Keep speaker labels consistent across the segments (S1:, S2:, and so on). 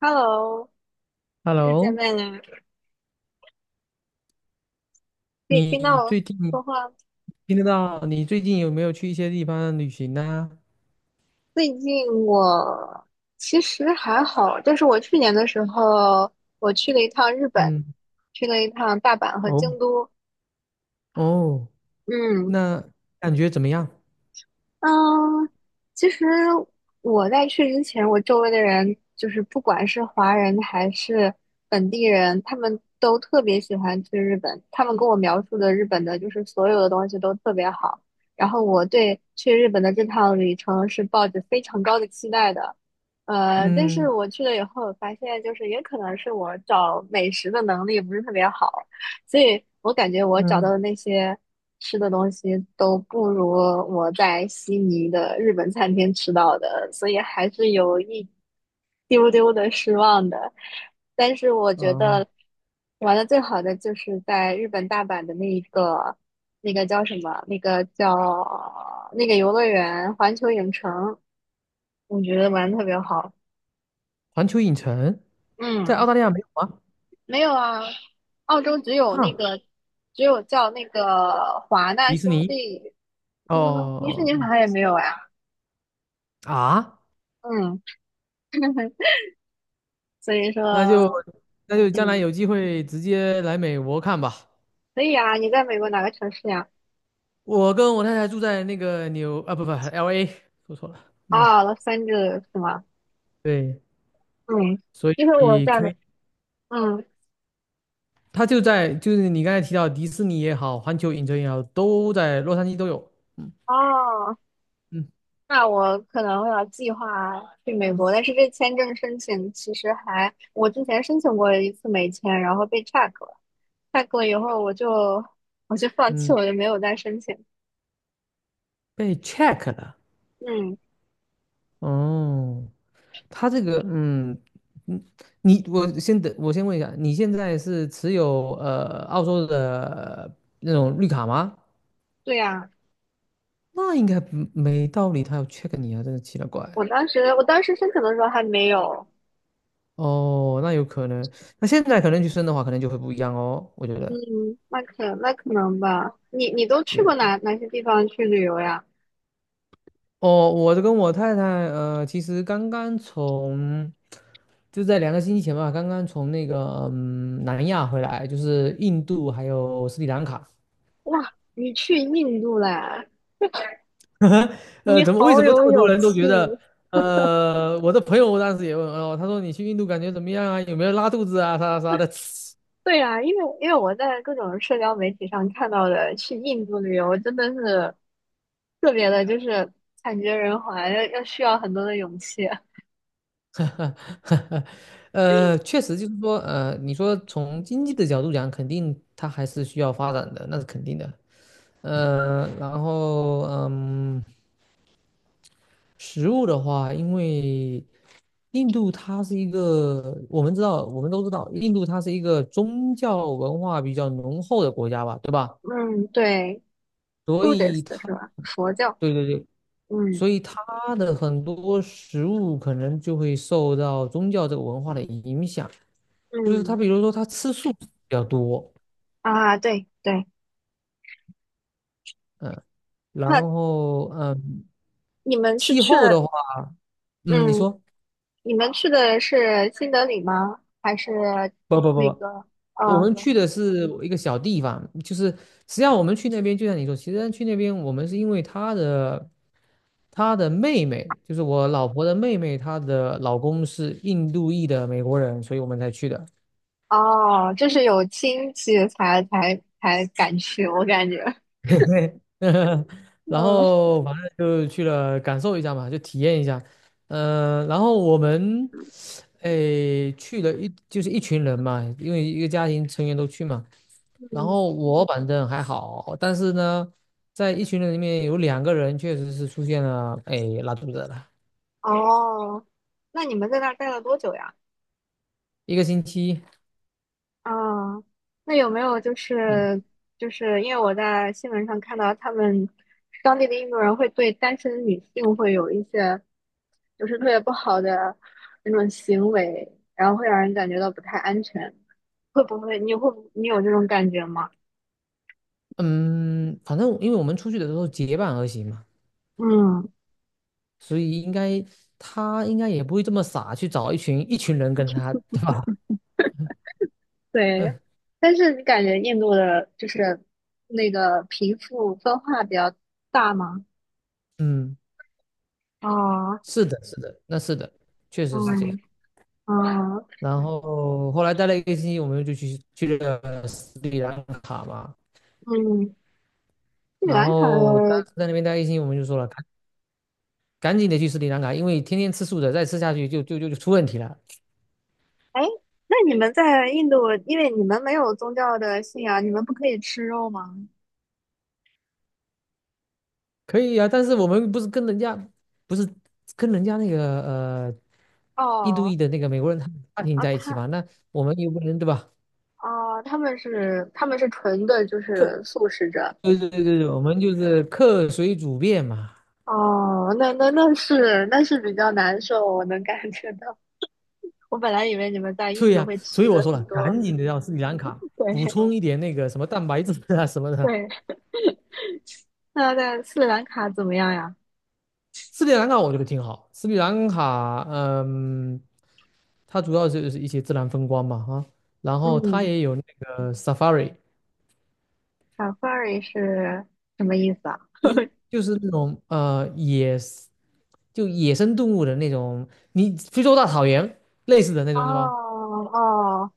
S1: Hello，又见
S2: Hello。
S1: 面了，可以听到
S2: 你
S1: 我
S2: 最近
S1: 说话吗？
S2: 听得到？你最近有没有去一些地方旅行呢？
S1: 最近我其实还好，就是我去年的时候，我去了一趟日本，
S2: 嗯，
S1: 去了一趟大阪和
S2: 哦
S1: 京都。
S2: 哦，
S1: 嗯。
S2: 那感觉怎么样？
S1: 嗯。其实我在去之前，我周围的人就是不管是华人还是本地人，他们都特别喜欢去日本。他们跟我描述的日本的，就是所有的东西都特别好。然后我对去日本的这趟旅程是抱着非常高的期待的。但是
S2: 嗯
S1: 我去了以后，我发现就是也可能是我找美食的能力不是特别好。所以我感觉我找到
S2: 嗯
S1: 的那些吃的东西都不如我在悉尼的日本餐厅吃到的，所以还是有一丢丢的失望的。但是我觉
S2: 呃，
S1: 得玩的最好的就是在日本大阪的那一个，那个叫什么？那个叫那个游乐园环球影城，我觉得玩的特别好。
S2: 环球影城在澳
S1: 嗯。
S2: 大利亚没有吗？
S1: 没有啊，澳洲只有那
S2: 哈，
S1: 个，只有叫那个华纳
S2: 迪士
S1: 兄
S2: 尼。
S1: 弟，嗯，迪士尼好
S2: 哦。
S1: 像也没有呀。
S2: 啊，
S1: 嗯。所以
S2: 那就
S1: 说，
S2: 那就将来
S1: 嗯，
S2: 有机会直接来美国看吧。
S1: 可以啊。你在美国哪个城市呀？
S2: 我跟我太太住在那个纽啊不不 LA，说错了。嗯，
S1: 啊？哦，洛杉矶是吗？
S2: 对，
S1: 嗯。
S2: 所
S1: 因为我
S2: 以
S1: 在，
S2: 可以。
S1: 嗯，
S2: 它就在就是你刚才提到迪士尼也好，环球影城也好，都在洛杉矶都有。嗯
S1: 哦，
S2: 嗯
S1: 那我可能会要计划去美国，但是这签证申请其实还，我之前申请过一次美签，然后被 check 了，check 了以后我就放弃，
S2: 嗯，
S1: 我就没有再申请。
S2: 被 check 了。
S1: 嗯。
S2: 哦，它这个嗯嗯，你我先等我先问一下，你现在是持有澳洲的那种绿卡吗？
S1: 对呀。
S2: 那应该不没道理，他要 check 你啊，真的奇了怪。
S1: 我当时申请的时候还没有。
S2: 哦，那有可能。那现在可能去申的话，可能就会不一样哦，我觉得。
S1: 嗯。那可能吧。你都去过
S2: 对。
S1: 哪些地方去旅游呀？
S2: 哦，我跟我太太，其实刚刚从就在2个星期前吧，刚刚从那个南亚回来，就是印度还有斯里兰卡。
S1: 哇，你去印度了，你
S2: 为
S1: 好
S2: 什么这
S1: 有
S2: 么多
S1: 勇
S2: 人都
S1: 气。
S2: 觉得？我的朋友当时也问哦，他说你去印度感觉怎么样啊？有没有拉肚子啊？啥啥的。
S1: 对呀，因为我在各种社交媒体上看到的去印度旅游真的是特别的，就是惨绝人寰，需要很多的勇气。
S2: 确实就是说，你说从经济的角度讲，肯定它还是需要发展的，那是肯定的。然后食物的话，因为印度它是一个，我们知道，我们都知道，印度它是一个宗教文化比较浓厚的国家吧，对吧？
S1: 嗯，对
S2: 所以
S1: ，Buddhist 是
S2: 它，
S1: 吧？佛教。
S2: 对对对，所
S1: 嗯。
S2: 以它的很多食物可能就会受到宗教这个文化的影响。就是它，
S1: 嗯。
S2: 比如说它吃素比较多。
S1: 啊，对对。
S2: 嗯，然
S1: 那
S2: 后
S1: 你们是
S2: 气
S1: 去
S2: 候的
S1: 了。
S2: 话，你
S1: 嗯。
S2: 说，
S1: 你们去的是新德里吗？还是
S2: 不不
S1: 那
S2: 不
S1: 个？
S2: 不。我
S1: 嗯。
S2: 们去的是一个小地方，就是实际上我们去那边，就像你说，其实去那边我们是因为他的妹妹，就是我老婆的妹妹，她的老公是印度裔的美国人，所以我们才去的。
S1: 哦，就是有亲戚才敢去，我感觉。
S2: 对。 然
S1: 嗯。
S2: 后反正就去了感受一下嘛，就体验一下。然后我们哎去了就是一群人嘛，因为一个家庭成员都去嘛。然
S1: 嗯。
S2: 后我反正还好，但是呢，在一群人里面有两个人确实是出现了，哎，拉肚子了。
S1: 哦。那你们在那儿待了多久呀？
S2: 一个星期。
S1: 啊，那有没有就
S2: 嗯
S1: 是就是因为我在新闻上看到他们当地的印度人会对单身女性会有一些就是特别不好的那种行为，然后会让人感觉到不太安全，会不会你有这种感觉吗？
S2: 嗯，反正因为我们出去的时候结伴而行嘛，
S1: 嗯，
S2: 所以他应该也不会这么傻去找一群一群人跟他，对吧？
S1: 对。
S2: 嗯
S1: 但是你感觉印度的就是那个贫富分化比较大吗？
S2: 嗯，
S1: 哦。
S2: 是的，是的，那是的，确实是这样。
S1: 嗯。哦。
S2: 然后后来待了一个星期，我们就去了斯里兰卡嘛。
S1: 嗯。斯里
S2: 然
S1: 兰卡
S2: 后当
S1: 的。
S2: 时在那边待一个星期，我们就说了，赶紧的去斯里兰卡，因为天天吃素的再吃下去就出问题了。
S1: 哎，那你们在印度，因为你们没有宗教的信仰，你们不可以吃肉吗？
S2: 可以啊，但是我们不是跟人家那个印度
S1: 哦。
S2: 裔的那个美国人他们家庭
S1: 啊。
S2: 在一起嘛，那我们又不能对吧？
S1: 哦，他们是纯的，就是素食者。
S2: 对对对对，我们就是客随主便嘛。
S1: 哦，那是比较难受，我能感觉到。我本来以为你们在印
S2: 对
S1: 度
S2: 呀，
S1: 会
S2: 所以我
S1: 吃
S2: 说了，
S1: 很多。
S2: 赶紧的让斯里兰卡补
S1: 对。
S2: 充一点那个什么蛋白质啊什么的。
S1: 对。 那在斯里兰卡怎么样呀？
S2: 斯里兰卡我觉得挺好。斯里兰卡它主要就是一些自然风光嘛哈，然后它
S1: 嗯
S2: 也有那个 safari。
S1: ，safari 是什么意思啊？
S2: 就是那种就野生动物的那种，你非洲大草原类似的那
S1: 哦。
S2: 种是吧？
S1: 哦，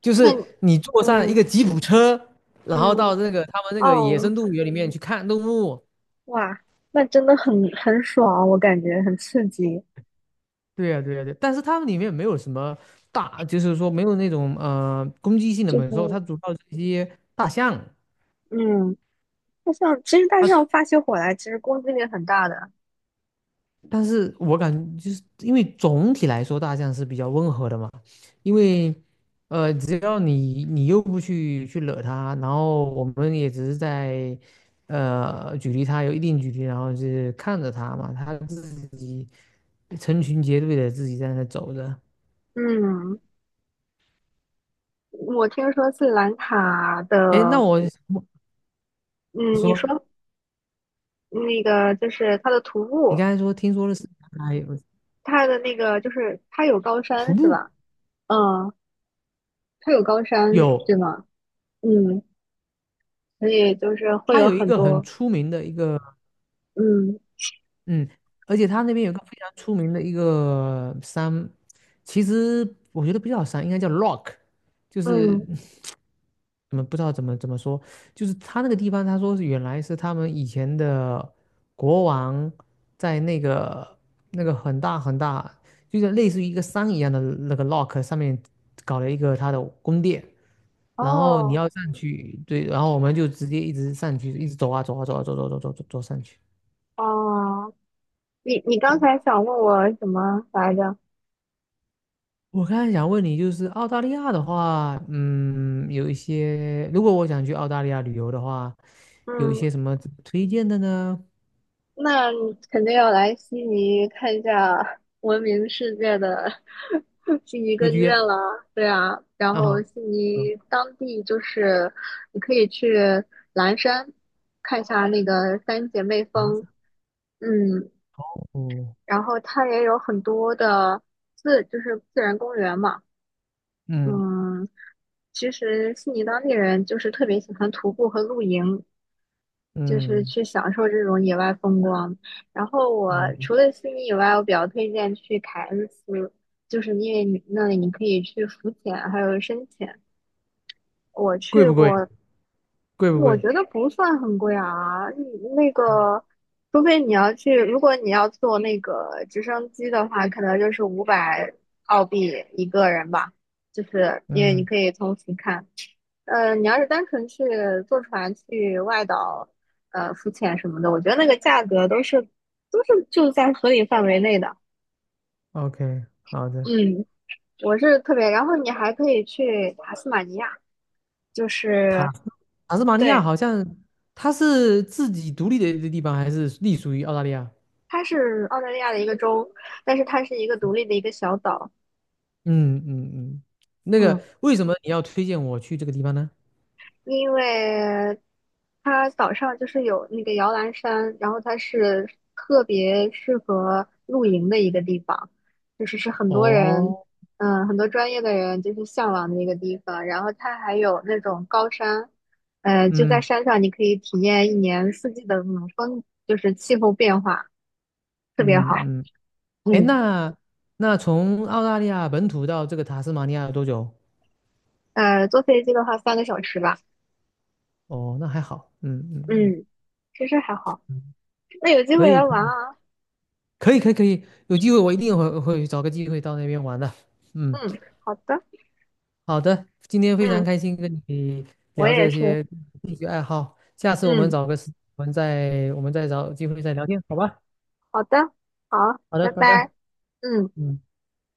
S2: 就
S1: 那你。
S2: 是你坐上一
S1: 嗯。
S2: 个吉普车，然后
S1: 嗯。
S2: 到那个他们那个野
S1: 哦。
S2: 生动物园里面去看动物。
S1: 哇。那真的很爽，我感觉很刺激。
S2: 对呀，对呀，对。但是他们里面没有什么大，就是说没有那种攻击性的
S1: 就
S2: 猛兽，
S1: 是。
S2: 它主要是一些大象。
S1: 嗯。大象其实大象发起火来，其实攻击力很大的。
S2: 但是我感觉就是因为总体来说大象是比较温和的嘛，因为只要你又不去惹它，然后我们也只是在距离它有一定距离，然后就是看着它嘛，它自己成群结队的自己在那走着。
S1: 嗯，我听说斯里兰卡
S2: 哎，
S1: 的。
S2: 你
S1: 嗯，你
S2: 说。
S1: 说那个就是它的徒
S2: 你
S1: 步，
S2: 刚才听说的是它有
S1: 它的那个就是它有高
S2: 徒
S1: 山是
S2: 步，
S1: 吧？嗯，它有高山对
S2: 有
S1: 吗？嗯，所以就是会
S2: 它
S1: 有
S2: 有一
S1: 很
S2: 个很
S1: 多。
S2: 出名的一个。
S1: 嗯。
S2: 嗯，而且他那边有个非常出名的一个山，其实我觉得不叫山，应该叫 rock，就是
S1: 嗯。
S2: 不知道怎么说，就是他那个地方，他说是原来是他们以前的国王在那个很大很大，就像类似于一个山一样的那个 rock 上面搞了一个他的宫殿，然后你
S1: 哦。
S2: 要上去。对，然后我们就直接一直上去，一直走啊走啊走啊走走走走走走上去。
S1: 哦。你刚
S2: 对，
S1: 才想问我什么来着？
S2: 我刚才想问你，就是澳大利亚的话，嗯，有一些，如果我想去澳大利亚旅游的话，有一
S1: 嗯，
S2: 些什么推荐的呢？
S1: 那你肯定要来悉尼看一下 闻名世界的 悉尼歌
S2: 会
S1: 剧
S2: 去
S1: 院
S2: 约
S1: 了。对啊，然
S2: 啊。
S1: 后悉
S2: 啊，
S1: 尼当地就是你可以去蓝山看一下那个三姐妹
S2: 南
S1: 峰，
S2: 法
S1: 嗯，
S2: 哦。
S1: 然后它也有很多的就是自然公园嘛。
S2: 嗯
S1: 嗯。其实悉尼当地人就是特别喜欢徒步和露营，就是
S2: 嗯，
S1: 去享受这种野外风光。然后我除
S2: 哦，
S1: 了悉尼以外，我比较推荐去凯恩斯，就是因为你那里你可以去浮潜，还有深潜。我
S2: 贵
S1: 去
S2: 不贵？
S1: 过。
S2: 贵不
S1: 我
S2: 贵？
S1: 觉得不算很贵啊。嗯，那个，除非你要去，如果你要坐那个直升机的话，可能就是500澳币一个人吧，就是因为你
S2: 嗯
S1: 可以从俯看。你要是单纯去坐船去外岛，浮潜什么的，我觉得那个价格都是就在合理范围内的。
S2: ，OK，好的。
S1: 嗯，我是特别，然后你还可以去塔斯马尼亚，就是
S2: 塔塔斯马尼亚
S1: 对，
S2: 好像它是自己独立的一个地方，还是隶属于澳大利亚？
S1: 它是澳大利亚的一个州，但是它是一个独立的一个小岛。
S2: 嗯嗯嗯，那
S1: 嗯，
S2: 个为什么你要推荐我去这个地方呢？
S1: 因为它岛上就是有那个摇篮山，然后它是特别适合露营的一个地方，就是是很多人，
S2: 哦，
S1: 嗯，很多专业的人就是向往的一个地方。然后它还有那种高山，就在
S2: 嗯。
S1: 山上你可以体验一年四季的那种风，就是气候变化，特别好。
S2: 嗯嗯，哎，
S1: 嗯。
S2: 那从澳大利亚本土到这个塔斯马尼亚有多久？
S1: 坐飞机的话3个小时吧。
S2: 哦，那还好，嗯嗯
S1: 嗯，其实还好。
S2: 嗯。
S1: 那有机
S2: 可
S1: 会
S2: 以
S1: 来玩啊。
S2: 可以可以可以，有机会我一定会找个机会到那边玩的。嗯，
S1: 嗯，好的。
S2: 好的，今天非常
S1: 嗯。
S2: 开心跟你
S1: 我
S2: 聊
S1: 也
S2: 这
S1: 是。
S2: 些兴趣爱好，下次我们
S1: 嗯，
S2: 找个时我们再我们再找机会再聊天，好吧？
S1: 好的，好，
S2: 好的，
S1: 拜
S2: 拜
S1: 拜。
S2: 拜。
S1: 嗯。
S2: 嗯。